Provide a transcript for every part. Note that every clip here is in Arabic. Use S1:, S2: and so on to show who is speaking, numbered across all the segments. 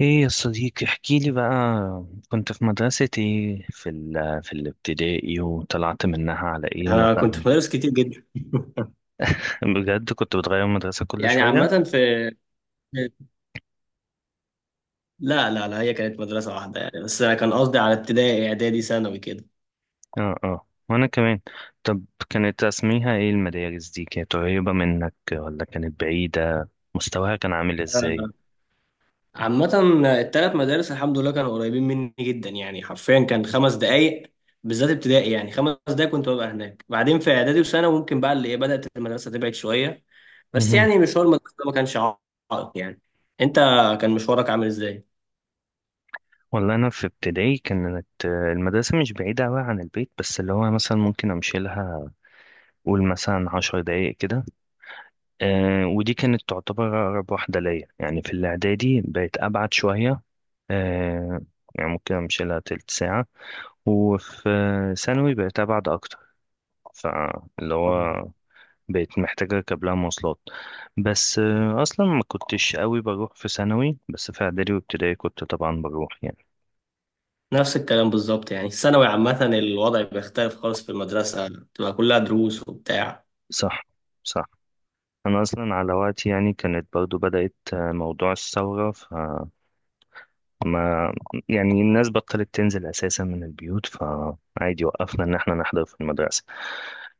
S1: ايه يا صديقي، احكي لي بقى. كنت في مدرسة ايه، في الابتدائي، وطلعت منها على ايه
S2: انا كنت
S1: مثلا؟
S2: في مدارس كتير جدا.
S1: بجد كنت بتغير مدرسة كل
S2: يعني
S1: شوية؟
S2: عامة في- لا لا لا، هي كانت مدرسة واحدة، يعني بس أنا كان قصدي على ابتدائي إعدادي ثانوي كده.
S1: اه، اه، وانا كمان. طب كانت اسميها ايه المدارس دي؟ كانت قريبة منك ولا كانت بعيدة؟ مستواها كان عامل ازاي؟
S2: آه، عامة التلات مدارس الحمد لله كانوا قريبين مني جدا، يعني حرفيا كان 5 دقايق. بالذات ابتدائي، يعني 5 دقايق كنت ببقى هناك. بعدين في إعدادي وثانوي ممكن بقى اللي إيه بدأت المدرسة تبعد شوية، بس
S1: مهم.
S2: يعني مشوار المدرسة ده ما كانش عائق يعني. أنت كان مشوارك عامل إزاي؟
S1: والله انا في ابتدائي كانت المدرسة مش بعيدة اوي عن البيت، بس اللي هو مثلا ممكن امشي لها، قول مثلا 10 دقايق كده. ودي كانت تعتبر أقرب واحدة ليا، يعني في الإعدادي بقت أبعد شوية. آه يعني ممكن أمشي لها تلت ساعة. وفي ثانوي بقت أبعد أكتر، فاللي هو بقيت محتاجة أركب لها مواصلات. بس أصلا ما كنتش قوي بروح في ثانوي، بس في إعدادي وابتدائي كنت طبعا بروح يعني.
S2: نفس الكلام بالظبط، يعني الثانوي عامة الوضع بيختلف خالص، في المدرسة بتبقى كلها دروس وبتاع.
S1: صح، صح. أنا أصلا على وقتي يعني كانت برضو بدأت موضوع الثورة. ما يعني الناس بطلت تنزل أساسا من البيوت، فعادي وقفنا إن احنا نحضر في المدرسة.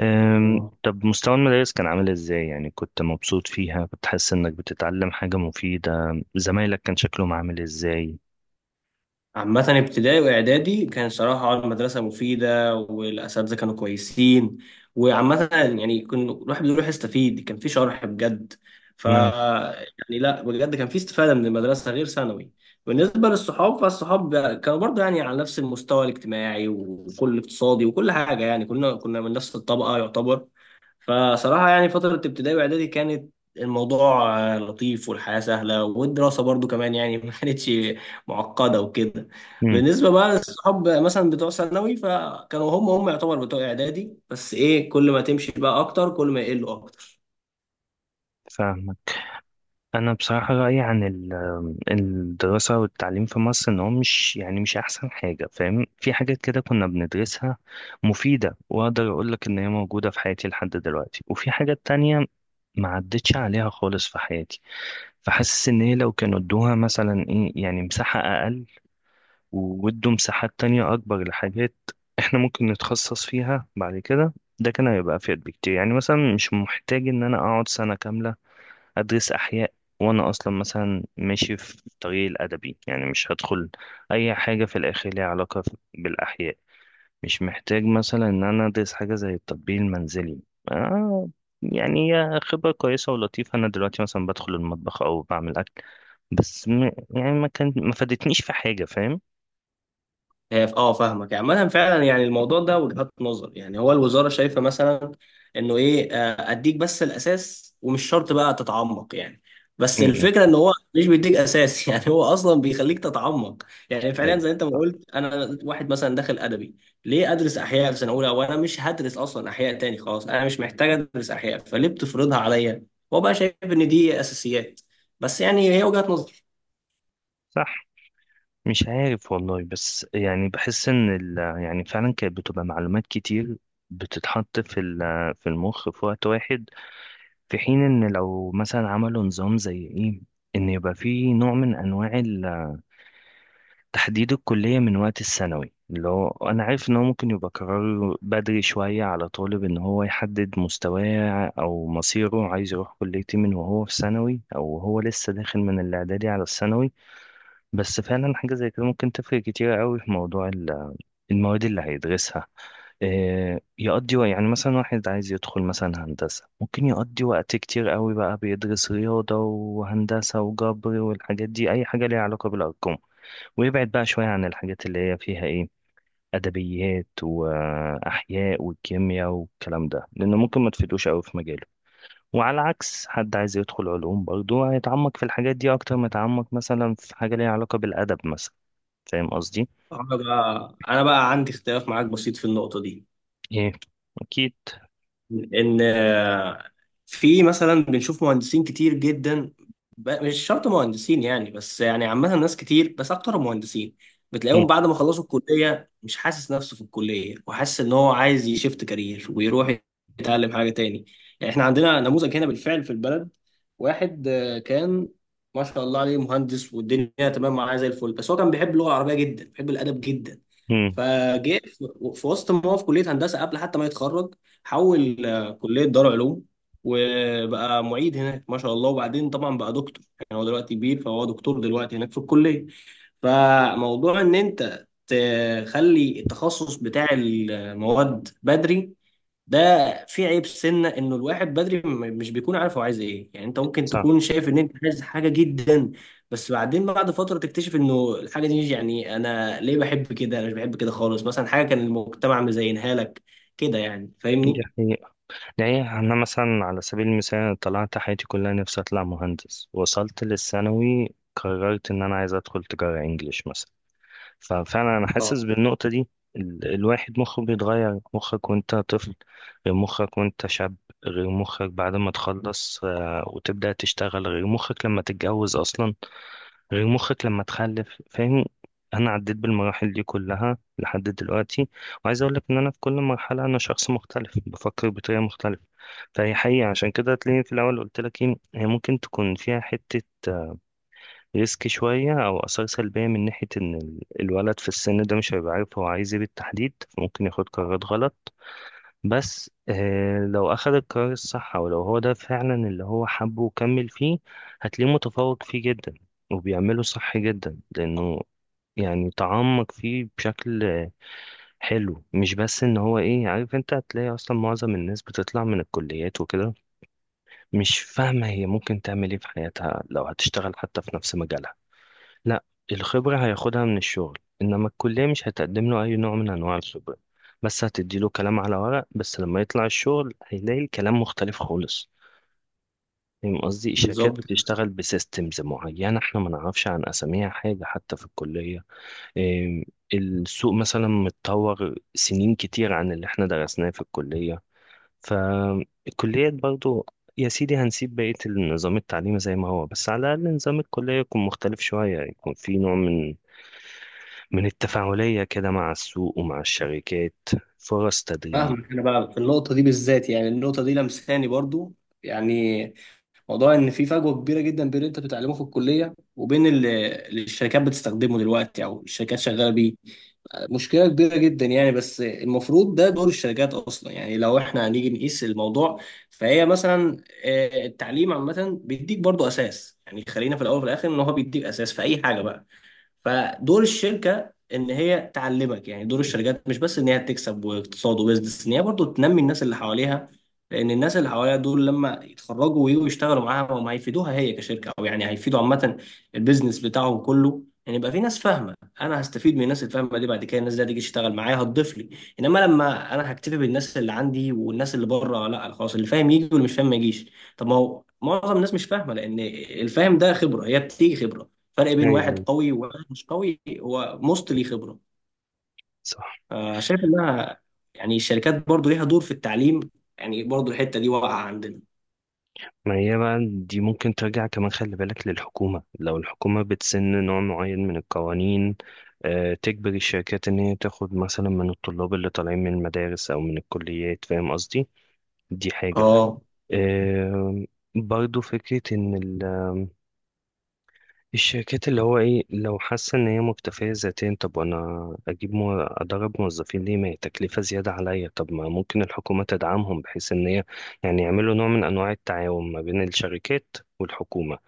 S2: الله.
S1: طب مستوى المدارس كان عامل إزاي؟ يعني كنت مبسوط فيها؟ كنت حاسس إنك بتتعلم حاجة مفيدة؟ زمايلك كان شكلهم عامل إزاي؟
S2: عامة ابتدائي وإعدادي كان صراحة آه المدرسة مفيدة، والأساتذة كانوا كويسين، وعامة يعني كنا الواحد بيروح يستفيد، كان في شرح بجد. ف
S1: نعم.
S2: يعني لا بجد كان في استفادة من المدرسة غير ثانوي. بالنسبة للصحاب، فالصحاب كانوا برضه يعني على نفس المستوى الاجتماعي وكل اقتصادي وكل حاجة، يعني كنا من نفس الطبقة يعتبر. فصراحة يعني فترة ابتدائي وإعدادي كانت الموضوع لطيف، والحياة سهلة، والدراسة برضو كمان يعني ما كانتش معقدة وكده.
S1: أمم،
S2: بالنسبة بقى للصحاب مثلا بتوع ثانوي، فكانوا هم هم يعتبر بتوع إعدادي، بس إيه كل ما تمشي بقى أكتر كل ما يقلوا أكتر.
S1: فاهمك. أنا بصراحة رأيي عن الدراسة والتعليم في مصر إن هو مش، يعني مش أحسن حاجة، فاهم؟ في حاجات كده كنا بندرسها مفيدة، وأقدر أقول لك إن هي موجودة في حياتي لحد دلوقتي، وفي حاجات تانية ما عدتش عليها خالص في حياتي. فحاسس ان هي لو كانوا ادوها مثلا ايه يعني مساحة اقل، وودوا مساحات تانية اكبر لحاجات احنا ممكن نتخصص فيها بعد كده، ده كان هيبقى افيد بكتير. يعني مثلا مش محتاج ان انا اقعد سنة كاملة ادرس احياء وانا اصلا مثلا ماشي في طريق الادبي، يعني مش هدخل اي حاجة في الاخر ليها علاقة بالاحياء. مش محتاج مثلا ان انا ادرس حاجه زي التطبيق المنزلي. آه، يعني هي خبره كويسه ولطيفه، انا دلوقتي مثلا بدخل المطبخ او بعمل اكل، بس يعني ما فادتنيش في حاجه، فاهم؟
S2: هي فاهمك. عامة فعلا يعني الموضوع ده وجهات نظر، يعني هو الوزارة شايفة مثلا انه ايه، اديك بس الاساس ومش شرط بقى تتعمق يعني.
S1: م-
S2: بس
S1: م.
S2: الفكرة ان هو مش بيديك اساس يعني هو اصلا بيخليك تتعمق. يعني فعلا
S1: ايوه،
S2: زي انت ما
S1: صح،
S2: قلت، انا واحد مثلا داخل ادبي، ليه ادرس احياء في سنة اولى وانا مش هدرس اصلا احياء تاني؟ خلاص انا مش محتاج ادرس احياء، فليه بتفرضها عليا؟ هو بقى شايف ان دي اساسيات، بس يعني هي وجهات نظر.
S1: صح. مش عارف والله، بس يعني بحس ان ال، يعني فعلا كانت بتبقى معلومات كتير بتتحط في المخ في وقت واحد. في حين ان لو مثلا عملوا نظام زي ايه، ان يبقى فيه نوع من انواع تحديد الكلية من وقت الثانوي. اللي هو أنا عارف إن هو ممكن يبقى قرار بدري شوية على طالب، إن هو يحدد مستواه أو مصيره، عايز يروح كلية إيه، من وهو في ثانوي، أو هو لسه داخل من الإعدادي على الثانوي. بس فعلا حاجة زي كده ممكن تفرق كتير أوي في موضوع المواد اللي هيدرسها. آه، يعني مثلا واحد عايز يدخل مثلا هندسة، ممكن يقضي وقت كتير أوي بقى بيدرس رياضة وهندسة وجبر والحاجات دي، أي حاجة ليها علاقة بالأرقام. ويبعد بقى شوية عن الحاجات اللي هي فيها ايه، أدبيات وأحياء والكيمياء والكلام ده، لأنه ممكن ما تفيدوش أوي في مجاله. وعلى عكس حد عايز يدخل علوم، برضه هيتعمق في الحاجات دي أكتر ما يتعمق مثلا في حاجة ليها علاقة بالأدب مثلا. فاهم قصدي؟
S2: انا بقى عندي اختلاف معاك بسيط في النقطة دي.
S1: ايه، أكيد.
S2: ان في مثلا بنشوف مهندسين كتير جدا، مش شرط مهندسين يعني، بس يعني عامة ناس كتير، بس اكتر مهندسين
S1: مم.
S2: بتلاقيهم بعد ما خلصوا الكلية مش حاسس نفسه في الكلية، وحاسس ان هو عايز يشفت كارير ويروح يتعلم حاجة تاني. يعني احنا عندنا نموذج هنا بالفعل في البلد، واحد كان ما شاء الله عليه مهندس، والدنيا تمام معاه زي الفل، بس هو كان بيحب اللغة العربية جدا، بيحب الأدب جدا.
S1: مم.
S2: فجه في وسط ما هو في كلية هندسة، قبل حتى ما يتخرج، حول كلية دار علوم، وبقى معيد هناك ما شاء الله، وبعدين طبعا بقى دكتور، يعني هو دلوقتي كبير، فهو دكتور دلوقتي هناك في الكلية. فموضوع ان انت تخلي التخصص بتاع المواد بدري ده، في عيب سنة انه الواحد بدري مش بيكون عارف هو عايز ايه. يعني انت ممكن
S1: صح.
S2: تكون شايف ان انت عايز حاجة جدا، بس بعدين بعد فترة تكتشف انه الحاجة دي، يعني انا ليه بحب كده؟ انا مش بحب كده خالص مثلا، حاجة كان المجتمع مزينها لك كده يعني،
S1: دي
S2: فاهمني؟
S1: حقيقة، دي حقيقة. أنا مثلا على سبيل المثال طلعت حياتي كلها نفسي أطلع مهندس، وصلت للثانوي قررت إن أنا عايز أدخل تجارة إنجليش مثلا. ففعلا انا
S2: اه،
S1: حاسس بالنقطة دي. الواحد مخه بيتغير، مخك وانت طفل غير مخك وانت شاب، غير مخك بعد ما تخلص وتبدأ تشتغل، غير مخك لما تتجوز اصلا، غير مخك لما تخلف، فاهم؟ انا عديت بالمراحل دي كلها لحد دلوقتي، وعايز اقول لك ان انا في كل مرحلة انا شخص مختلف بفكر بطريقة مختلفة. فهي حقيقة، عشان كده تلاقيني في الاول قلت لك ايه، هي ممكن تكون فيها حتة ريسك شوية أو آثار سلبية من ناحية إن الولد في السن ده مش هيبقى عارف هو عايز إيه بالتحديد، فممكن ياخد قرارات غلط. بس لو أخد القرار الصح، أو لو هو ده فعلا اللي هو حبه وكمل فيه، هتلاقيه متفوق فيه جدا وبيعمله صح جدا، لأنه يعني تعمق فيه بشكل حلو. مش بس ان هو ايه، عارف، انت هتلاقي اصلا معظم الناس بتطلع من الكليات وكده مش فاهمة هي ممكن تعمل ايه في حياتها، لو هتشتغل حتى في نفس مجالها. لا، الخبرة هياخدها من الشغل، إنما الكلية مش هتقدم له أي نوع من أنواع الخبرة، بس هتديله كلام على ورق. بس لما يطلع الشغل هيلاقي الكلام مختلف خالص، فاهم قصدي؟ الشركات
S2: بالظبط.
S1: بتشتغل بسيستمز معينة احنا ما نعرفش عن أساميها حاجة حتى في الكلية. إيه، السوق مثلا متطور سنين كتير عن اللي احنا درسناه في الكلية. فالكليات برضو، يا سيدي هنسيب بقية النظام التعليمي زي ما هو، بس على الأقل نظام الكلية يكون مختلف شوية، يكون في نوع من، من التفاعلية كده مع السوق ومع الشركات، فرص تدريب.
S2: فاهمك. انا بقى في النقطه دي بالذات، يعني النقطه دي لمساني برضو، يعني موضوع ان في فجوه كبيره جدا بين اللي انت بتتعلمه في الكليه وبين اللي الشركات بتستخدمه دلوقتي، او الشركات شغاله بيه. مشكله كبيره جدا يعني، بس المفروض ده دور الشركات اصلا، يعني لو احنا هنيجي نقيس الموضوع. فهي مثلا، التعليم عامه بيديك برضو اساس، يعني خلينا في الاول وفي الاخر ان هو بيديك اساس في اي حاجه بقى. فدور الشركه ان هي تعلمك، يعني دور الشركات مش بس ان هي تكسب واقتصاد وبزنس، ان هي برضو تنمي الناس اللي حواليها، لان الناس اللي حواليها دول لما يتخرجوا ويجوا يشتغلوا معاها هم هيفيدوها هي كشركه، او يعني هيفيدوا عامه البيزنس بتاعهم كله. يعني يبقى في ناس فاهمه، انا هستفيد من الناس الفاهمه دي بعد كده، الناس دي هتيجي تشتغل معايا هتضيف لي. انما لما انا هكتفي بالناس اللي عندي والناس اللي بره، لا خلاص، اللي فاهم يجي واللي مش فاهم ما يجيش. طب ما هو معظم الناس مش فاهمه، لان الفاهم ده خبره، هي بتيجي خبره. فرق بين واحد
S1: ايوه،
S2: قوي وواحد مش قوي هو مستلي خبرة.
S1: صح.
S2: شايف انها يعني الشركات برضو ليها دور في التعليم، يعني برضو الحتة دي واقعة عندنا.
S1: ما هي بقى دي ممكن ترجع كمان، خلي بالك، للحكومة. لو الحكومة بتسن نوع معين من القوانين، آه، تجبر الشركات إن هي تاخد مثلا من الطلاب اللي طالعين من المدارس أو من الكليات، فاهم قصدي؟ دي حاجة.
S2: اه،
S1: آه، برضو فكرة إن الشركات اللي هو ايه لو حاسه ان هي مكتفيه ذاتيا، طب وانا اجيب ادرب موظفين ليه، ما هي تكلفه زياده عليا. طب ما ممكن الحكومه تدعمهم، بحيث ان هي يعني يعملوا نوع من انواع التعاون ما بين الشركات والحكومه،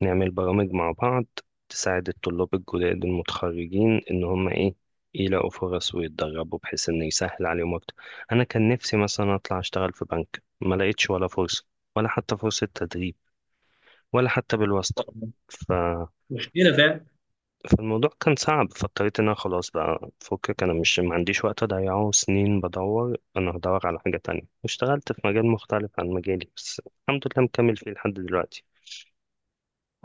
S1: نعمل برامج مع بعض تساعد الطلاب الجداد المتخرجين ان هم ايه يلاقوا فرص ويتدربوا، بحيث ان يسهل عليهم اكتر. انا كان نفسي مثلا اطلع اشتغل في بنك، ما لقيتش ولا فرصه، ولا حتى فرصه تدريب، ولا حتى بالواسطه.
S2: مشكلة فعلا.
S1: فالموضوع كان صعب، فاضطريت ان انا خلاص بقى فكك، انا مش، ما عنديش وقت اضيعه سنين بدور، انا هدور على حاجة تانية. اشتغلت في مجال مختلف عن مجالي، بس الحمد لله مكمل فيه لحد دلوقتي.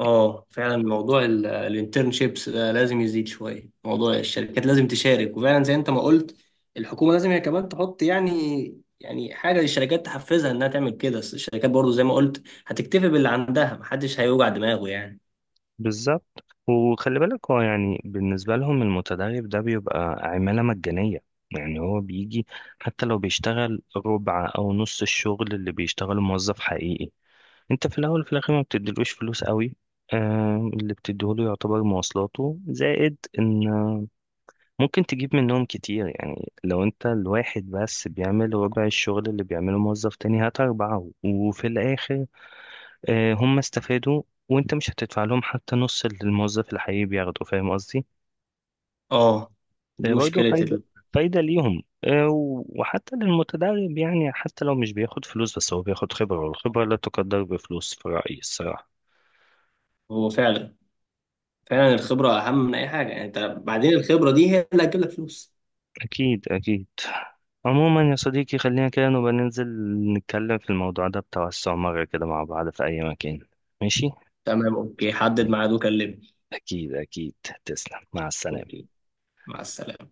S2: اه، فعلا موضوع الانترنشيبس ده لازم يزيد شوية، موضوع الشركات لازم تشارك. وفعلا زي انت ما قلت، الحكومة لازم هي كمان تحط يعني يعني حاجة للشركات تحفزها انها تعمل كده، بس الشركات برضو زي ما قلت هتكتفي باللي عندها، محدش هيوجع دماغه يعني.
S1: بالظبط. وخلي بالك هو يعني بالنسبة لهم المتدرب ده بيبقى عمالة مجانية، يعني هو بيجي، حتى لو بيشتغل ربع أو نص الشغل اللي بيشتغله موظف حقيقي، انت في الأول وفي الآخر ما بتديلوش فلوس قوي. آه، اللي بتديهوله يعتبر مواصلاته، زائد ان ممكن تجيب منهم كتير، يعني لو انت الواحد بس بيعمل ربع الشغل اللي بيعمله موظف تاني، هات أربعة وفي الآخر آه، هم استفادوا، وانت مش هتدفع لهم حتى نص اللي الموظف الحقيقي بياخده، فاهم قصدي؟
S2: اه، دي
S1: فهي برضه
S2: مشكلة
S1: فايدة، فايدة ليهم. آه، وحتى للمتدرب، يعني حتى لو مش بياخد فلوس بس هو بياخد خبرة، والخبرة لا تقدر بفلوس في رأيي الصراحة.
S2: هو فعلا، فعلا الخبرة أهم من أي حاجة، يعني أنت بعدين الخبرة دي هي اللي هتجيب لك فلوس.
S1: أكيد، أكيد. عموما يا صديقي، خلينا كده نبقى ننزل نتكلم في الموضوع ده بتوسع مرة كده مع بعض في أي مكان، ماشي؟
S2: تمام، أوكي، حدد ميعاد وكلمني.
S1: أكيد، أكيد. تسلم، مع السلامة.
S2: أوكي، مع السلامة.